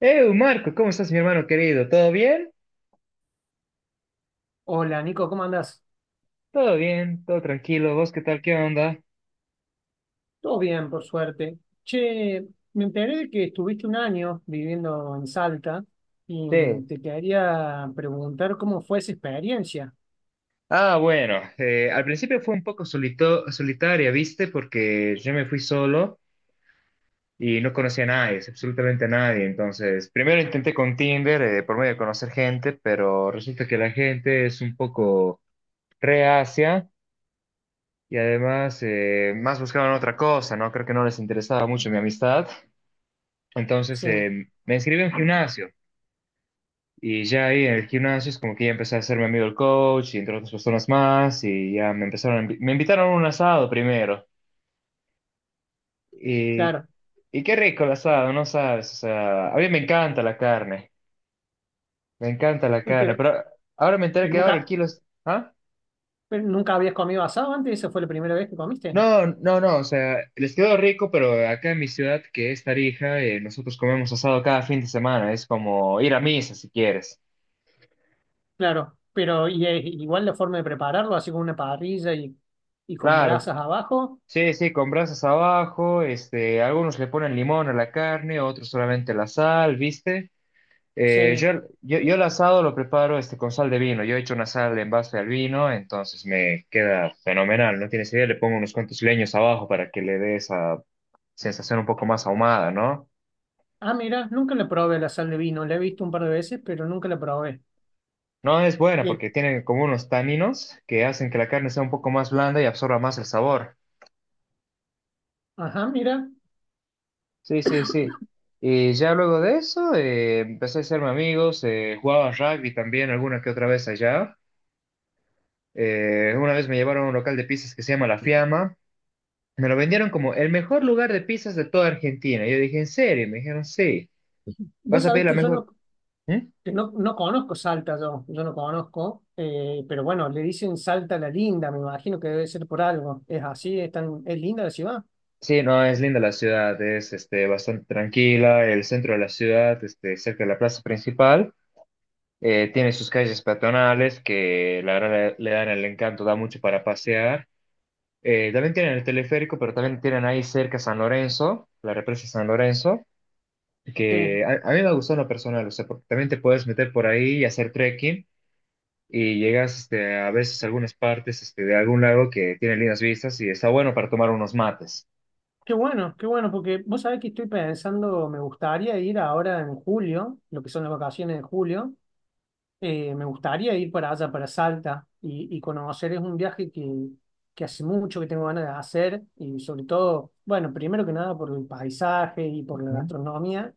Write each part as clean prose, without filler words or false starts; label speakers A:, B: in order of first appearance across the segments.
A: Marco, ¿cómo estás, mi hermano querido? ¿Todo bien?
B: Hola Nico, ¿cómo andás?
A: Todo bien, todo tranquilo. ¿Vos qué tal? ¿Qué onda?
B: Todo bien, por suerte. Che, me enteré de que estuviste un año viviendo en Salta y
A: Sí.
B: te quería preguntar cómo fue esa experiencia.
A: Ah, bueno, al principio fue un poco solitaria, ¿viste? Porque yo me fui solo y no conocía a nadie, absolutamente a nadie. Entonces, primero intenté con Tinder, por medio de conocer gente, pero resulta que la gente es un poco reacia y además más buscaban otra cosa, ¿no? Creo que no les interesaba mucho mi amistad. Entonces,
B: Sí,
A: me inscribí en un gimnasio. Y ya ahí en el gimnasio es como que ya empecé a hacerme amigo del coach y entre otras personas más y ya me empezaron, me invitaron a un asado primero. Y,
B: claro.
A: y qué rico el asado, no sabes, o sea, a mí me encanta la carne, me encanta la carne,
B: Pero,
A: pero ahora me
B: ¿y
A: enteré que ahora el
B: nunca,
A: kilo es, ¿ah?
B: pero nunca habías comido asado antes? ¿Esa fue la primera vez que comiste?
A: No, no, no, o sea, les quedó rico, pero acá en mi ciudad, que es Tarija, nosotros comemos asado cada fin de semana, es como ir a misa si quieres.
B: Claro, pero y, igual la forma de prepararlo, así con una parrilla y, con
A: Claro.
B: brasas abajo.
A: Sí, sí, con brasas abajo, algunos le ponen limón a la carne, otros solamente la sal, ¿viste? Eh,
B: Sí.
A: yo, yo el asado lo preparo, con sal de vino, yo he hecho una sal en base al vino, entonces me queda fenomenal, no tienes idea, le pongo unos cuantos leños abajo para que le dé esa sensación un poco más ahumada, ¿no?
B: Ah, mira, nunca le probé la sal de vino. La he visto un par de veces, pero nunca la probé.
A: No es buena
B: Eh,
A: porque tiene como unos taninos que hacen que la carne sea un poco más blanda y absorba más el sabor.
B: ajá, mira.
A: Sí, sí, sí. Y ya luego de eso empecé a hacerme amigos, jugaba rugby también alguna que otra vez allá. Una vez me llevaron a un local de pizzas que se llama La Fiamma. Me lo vendieron como el mejor lugar de pizzas de toda Argentina. Yo dije, ¿en serio? Me dijeron, sí,
B: Vos
A: vas a
B: sabés
A: pedir la
B: que yo no
A: mejor. ¿Mm?
B: que no, no conozco Salta. Yo no conozco, pero bueno, le dicen Salta la Linda, me imagino que debe ser por algo. Es así, es tan, es linda la ciudad.
A: Sí, no, es linda la ciudad, es, bastante tranquila, el centro de la ciudad, cerca de la plaza principal. Tiene sus calles peatonales que la verdad le dan el encanto, da mucho para pasear. También tienen el teleférico, pero también tienen ahí cerca San Lorenzo, la represa San Lorenzo, que
B: Sí,
A: a mí me gustó en lo personal, o sea, porque también te puedes meter por ahí y hacer trekking y llegas, a veces a algunas partes, de algún lago que tiene lindas vistas y está bueno para tomar unos mates.
B: qué bueno, porque vos sabés que estoy pensando, me gustaría ir ahora en julio, lo que son las vacaciones de julio. Me gustaría ir para allá, para Salta, y, conocer. Es un viaje que hace mucho que tengo ganas de hacer, y sobre todo, bueno, primero que nada por el paisaje y por la
A: Ujú.
B: gastronomía,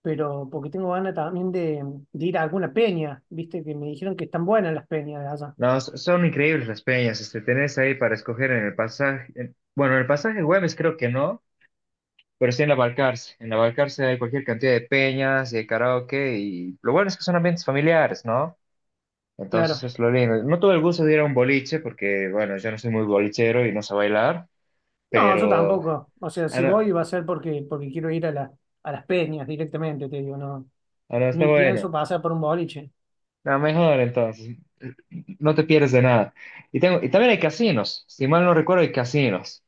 B: pero porque tengo ganas también de ir a alguna peña, viste, que me dijeron que están buenas las peñas de allá.
A: No, son increíbles las peñas, tenés ahí para escoger en el pasaje, bueno, en el pasaje Güemes creo que no, pero sí en la Balcarce. En la Balcarce hay cualquier cantidad de peñas y de karaoke y lo bueno es que son ambientes familiares, ¿no? Entonces
B: Claro.
A: es lo lindo. No tuve el gusto de ir a un boliche porque, bueno, yo no soy muy bolichero y no sé bailar,
B: No, yo
A: pero...
B: tampoco. O sea,
A: Ah,
B: si
A: no,
B: voy va a ser porque quiero ir a las peñas directamente, te digo, no.
A: ah, no, está
B: Ni
A: bueno.
B: pienso pasar por un boliche.
A: No, mejor entonces. No te pierdes de nada. Y, y también hay casinos. Si mal no recuerdo, hay casinos.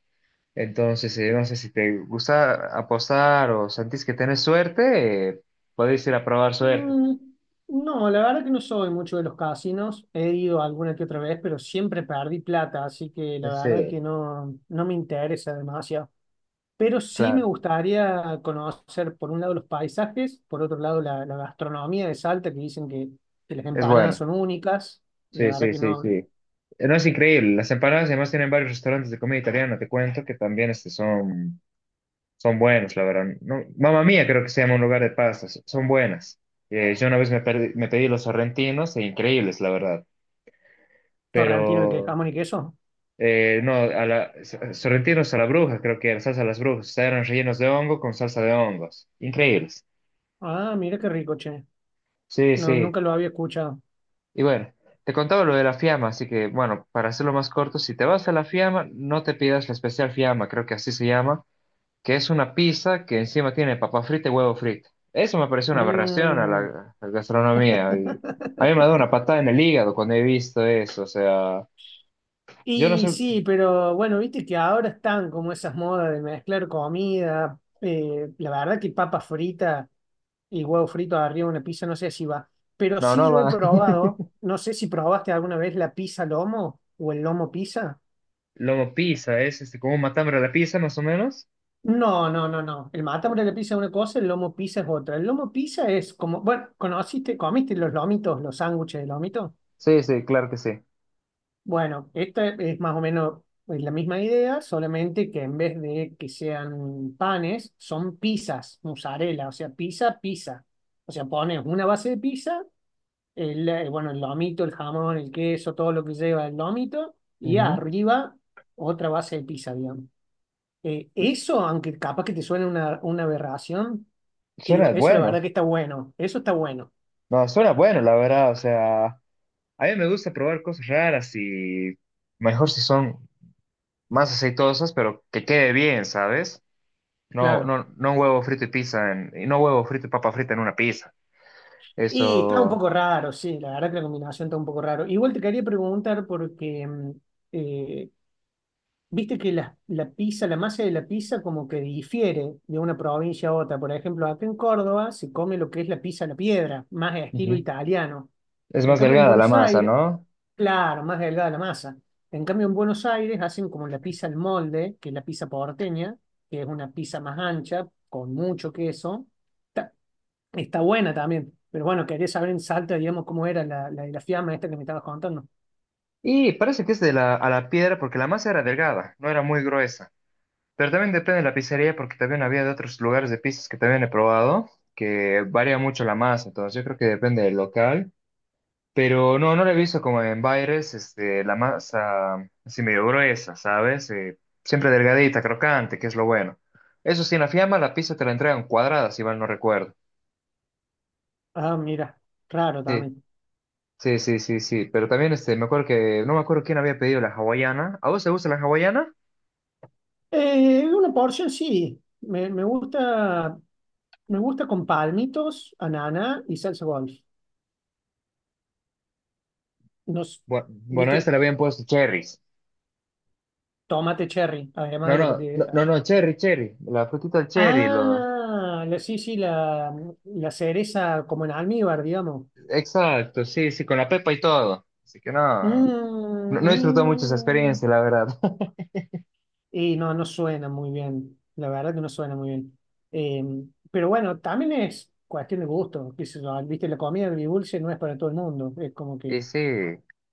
A: Entonces, no sé si te gusta apostar o sentís que tenés suerte, podéis ir a probar suerte.
B: Mm, no, la verdad que no soy mucho de los casinos. He ido alguna que otra vez, pero siempre perdí plata, así que la
A: Sí,
B: verdad que no, no me interesa demasiado. Pero sí me
A: claro.
B: gustaría conocer, por un lado, los paisajes, por otro lado, la gastronomía de Salta, que dicen que las
A: Es
B: empanadas
A: bueno.
B: son únicas. La
A: Sí,
B: verdad
A: sí,
B: que
A: sí,
B: no,
A: sí. No, es increíble. Las empanadas, además, tienen varios restaurantes de comida italiana, te cuento, que también, son buenas, la verdad. No, Mamma Mía creo que se llama un lugar de pastas. Son buenas. Yo una vez me pedí los sorrentinos, e increíbles, la verdad.
B: torrentino de que
A: Pero
B: jamón y queso.
A: no, sorrentinos a la bruja, creo que era salsa a las brujas. O sea, eran rellenos de hongo con salsa de hongos. Increíbles.
B: Ah, mira qué rico, che.
A: Sí,
B: No,
A: sí.
B: nunca lo había escuchado.
A: Y bueno, te contaba lo de la fiama, así que bueno, para hacerlo más corto, si te vas a la fiama, no te pidas la especial fiama, creo que así se llama. Que es una pizza que encima tiene papa frita y huevo frito. Eso me parece una aberración a la,
B: Mm.
A: a la gastronomía. Y a mí me da una patada en el hígado cuando he visto eso. O sea, yo no
B: Y
A: sé.
B: sí, pero bueno, viste que ahora están como esas modas de mezclar comida. La verdad que papa frita y huevo frito arriba de una pizza, no sé si va. Pero
A: No,
B: sí
A: no
B: yo he
A: va.
B: probado, no sé si probaste alguna vez la pizza lomo o el lomo pizza.
A: Lomo pizza, es, como un matambre a la pizza, más o menos.
B: No, no, no, no. El matambre de la pizza es una cosa, el lomo pizza es otra. El lomo pizza es como, bueno, ¿conociste, comiste los lomitos, los sándwiches de lomito?
A: Sí, sí, claro que sí.
B: Bueno, esta es más o menos la misma idea, solamente que en vez de que sean panes, son pizzas, mozzarella, o sea, pizza, pizza. O sea, pones una base de pizza, bueno, el lomito, el jamón, el queso, todo lo que lleva el lomito, y
A: Ujú.
B: arriba otra base de pizza, digamos. Eso, aunque capaz que te suene una aberración, te digo,
A: Suena
B: eso la verdad
A: bueno.
B: que está bueno, eso está bueno,
A: No, suena bueno, la verdad. O sea, a mí me gusta probar cosas raras y mejor si son más aceitosas, pero que quede bien, ¿sabes? No,
B: claro.
A: no, no huevo frito y pizza. Y no huevo frito y papa frita en una pizza.
B: Y está un
A: Eso.
B: poco raro, sí, la verdad que la combinación está un poco raro. Igual te quería preguntar porque eh, viste que la, pizza, la masa de la pizza como que difiere de una provincia a otra. Por ejemplo, acá en Córdoba se come lo que es la pizza a la piedra, más de estilo
A: Ujú.
B: italiano.
A: Es
B: En
A: más
B: cambio, en
A: delgada la
B: Buenos
A: masa,
B: Aires,
A: ¿no?
B: claro, más delgada la masa. En cambio, en Buenos Aires hacen como la pizza al molde, que es la pizza porteña, que es una pizza más ancha, con mucho queso. Ta- Está buena también. Pero bueno, quería saber en Salta, digamos, cómo era la, la de la fiamma esta que me estabas contando.
A: Y parece que es de la, a la piedra porque la masa era delgada, no era muy gruesa. Pero también depende de la pizzería porque también había de otros lugares de pizzas que también he probado, que varía mucho la masa. Entonces yo creo que depende del local. Pero no, no la he visto como en Baires, la masa así medio gruesa, ¿sabes? Siempre delgadita, crocante, que es lo bueno. Eso sí, en la fiamma la pizza te la entregan cuadrada, si mal no recuerdo.
B: Ah, mira, claro
A: Sí,
B: también.
A: sí, sí, sí, sí. Pero también, me acuerdo que no me acuerdo quién había pedido la hawaiana. ¿A vos te gusta la hawaiana?
B: Una porción sí. Me gusta, me gusta con palmitos, ananá y salsa golf. Nos,
A: Bueno, a
B: Viste,
A: esta le habían puesto cherries.
B: tomate cherry, además
A: No,
B: de lo que
A: no, no,
B: te.
A: no,
B: Ah,
A: no, cherry, cherry. La frutita del cherry, lo...
B: ah, la, sí, sí, la cereza como en almíbar, digamos.
A: Exacto, sí, sí, con la pepa y todo. Así que no,
B: Mm,
A: no, no he disfrutado mucho esa
B: mm.
A: experiencia, la verdad.
B: Y no, no suena muy bien. La verdad que no suena muy bien. Eh, pero bueno, también es cuestión de gusto. Qué sé yo, ah, viste, la comida de dulce no es para todo el mundo. Es como
A: Y
B: que.
A: sí,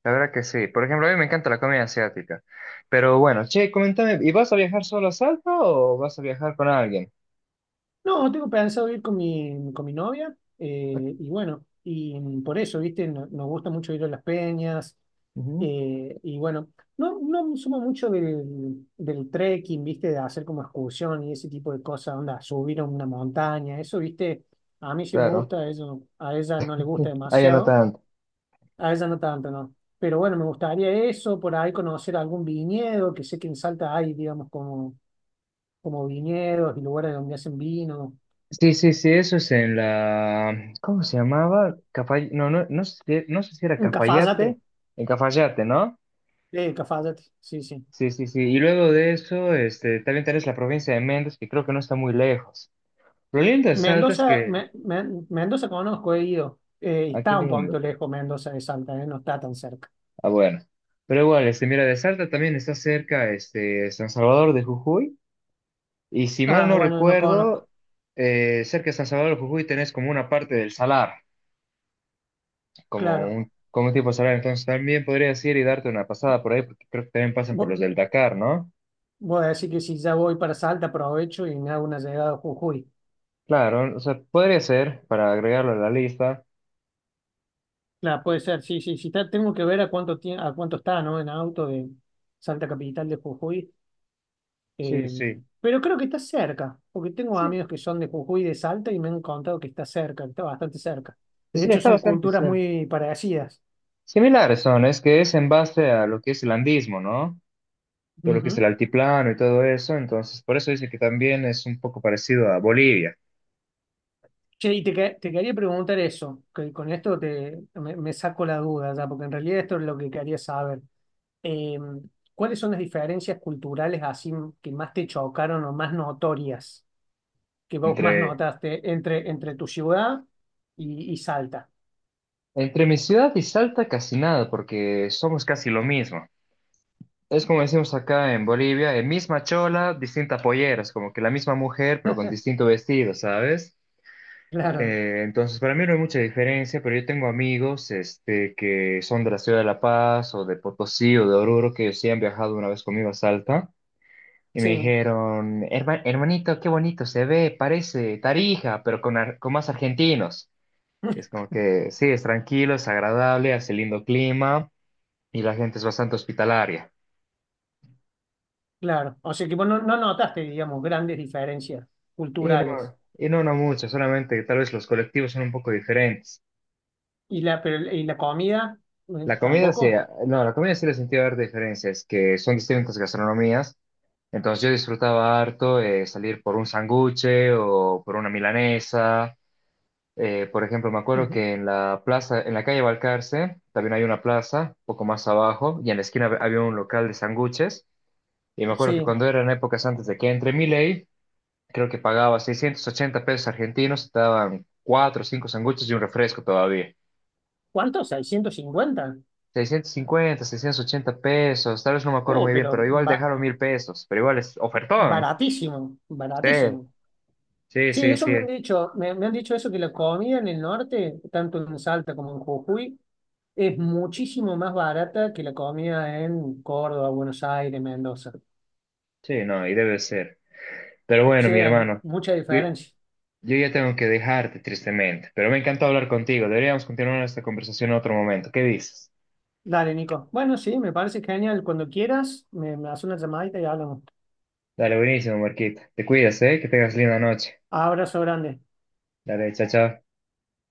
A: la verdad que sí. Por ejemplo, a mí me encanta la comida asiática. Pero bueno, che, comentame, ¿y vas a viajar solo a Salta o vas a viajar con alguien?
B: No, tengo pensado ir con mi, novia. Y bueno, y por eso, viste, nos gusta mucho ir a las peñas.
A: Ujú,
B: Y bueno, no, no somos mucho del trekking, viste, de hacer como excursión y ese tipo de cosas, onda, subir a una montaña. Eso, viste, a mí sí me
A: claro,
B: gusta, a ella no le gusta
A: ahí no
B: demasiado.
A: tanto.
B: A ella no tanto, ¿no? Pero bueno, me gustaría eso, por ahí conocer algún viñedo, que sé que en Salta hay, digamos, como viñedos y lugares donde hacen vino.
A: Sí, sí, sí, eso es en la... ¿Cómo se llamaba? No, no, no sé, no sé si era
B: En Cafayate,
A: Cafayate, en Cafayate, ¿no?
B: Cafayate, sí, sí.
A: Sí, sí, sí. Y luego de eso, también tenés la provincia de Mendoza, que creo que no está muy lejos. Lo lindo de Salta es
B: Mendoza,
A: que...
B: Mendoza conozco, he ido.
A: Ah, qué
B: Está un
A: lindo.
B: poquito lejos Mendoza de Salta, no está tan cerca.
A: Ah, bueno. Pero igual, mira, de Salta también está cerca, San Salvador de Jujuy. Y si mal
B: Ah,
A: no
B: bueno, no conozco,
A: recuerdo, cerca de San Salvador de Jujuy tenés como una parte del salar,
B: claro.
A: como un tipo salar. Entonces también podrías ir y darte una pasada por ahí, porque creo que también pasan por
B: Vo-
A: los del Dakar, ¿no?
B: Voy a decir que si ya voy para Salta, aprovecho y me hago una llegada a Jujuy.
A: Claro, o sea, podría ser, para agregarlo a la lista.
B: Claro, puede ser, sí, sí, sí está, tengo que ver a cuánto a cuánto está, ¿no? En auto de Salta Capital de Jujuy.
A: Sí,
B: eh,
A: sí.
B: pero creo que está cerca, porque tengo
A: Sí,
B: amigos que son de Jujuy y de Salta y me han contado que está cerca, que está bastante cerca. De
A: sí,
B: hecho,
A: está
B: son
A: bastante
B: culturas
A: cerca.
B: muy parecidas.
A: Similares son, es que es en base a lo que es el andismo, ¿no? Todo lo que es el
B: Ujú.
A: altiplano y todo eso. Entonces, por eso dice que también es un poco parecido a Bolivia.
B: Che, y te quería preguntar eso, que con esto me saco la duda ya, porque en realidad esto es lo que quería saber. Eh, ¿Cuáles son las diferencias culturales así que más te chocaron o más notorias? Que vos más
A: Entre,
B: notaste entre tu ciudad y, Salta.
A: entre mi ciudad y Salta, casi nada, porque somos casi lo mismo. Es como decimos acá en Bolivia, misma chola, distinta pollera, es como que la misma mujer, pero con distinto vestido, ¿sabes?
B: Claro,
A: Entonces, para mí no hay mucha diferencia, pero yo tengo amigos, que son de la ciudad de La Paz o de Potosí o de Oruro que sí han viajado una vez conmigo a Salta. Y me
B: sí,
A: dijeron, hermanito, qué bonito se ve, parece Tarija, pero con, con más argentinos". Es como que sí, es tranquilo, es agradable, hace lindo clima y la gente es bastante hospitalaria.
B: claro. O sea que vos no, no notaste, digamos, grandes diferencias
A: Y
B: culturales.
A: no, y no, no mucho, solamente que tal vez los colectivos son un poco diferentes.
B: ¿Y la, pero- y la comida?
A: La comida sí,
B: ¿Tampoco?
A: no, la comida sí le sentí ver diferencias, que son distintas gastronomías. Entonces yo disfrutaba harto, salir por un sanguche o por una milanesa. Por ejemplo, me acuerdo
B: Ujú.
A: que en la plaza, en la calle Balcarce, también hay una plaza, poco más abajo, y en la esquina había un local de sándwiches. Y me acuerdo que
B: Sí.
A: cuando eran épocas antes de que entre Milei, creo que pagaba $680 argentinos, te daban 4 o 5 sándwiches y un refresco todavía.
B: ¿Cuánto? 650.
A: 650, $680, tal vez no me acuerdo
B: Oh,
A: muy bien,
B: pero
A: pero igual dejaron 1000 pesos, pero igual es ofertón.
B: baratísimo,
A: Sí,
B: baratísimo.
A: sí,
B: Sí,
A: sí,
B: eso
A: sí,
B: me han dicho, me han dicho eso, que la comida en el norte, tanto en Salta como en Jujuy, es muchísimo más barata que la comida en Córdoba, Buenos Aires, Mendoza. O
A: sí, no, y debe ser. Pero bueno, mi
B: sea, hay
A: hermano.
B: mucha
A: Yo,
B: diferencia.
A: Yo ya tengo que dejarte, tristemente, pero me encantó hablar contigo. Deberíamos continuar esta conversación en otro momento. ¿Qué dices?
B: Dale, Nico. Bueno, sí, me parece genial. Cuando quieras, me haces una llamadita y hablamos.
A: Dale, buenísimo, Marquita. Te cuidas, ¿eh? Que tengas linda noche.
B: Abrazo grande.
A: Dale, chao, chao.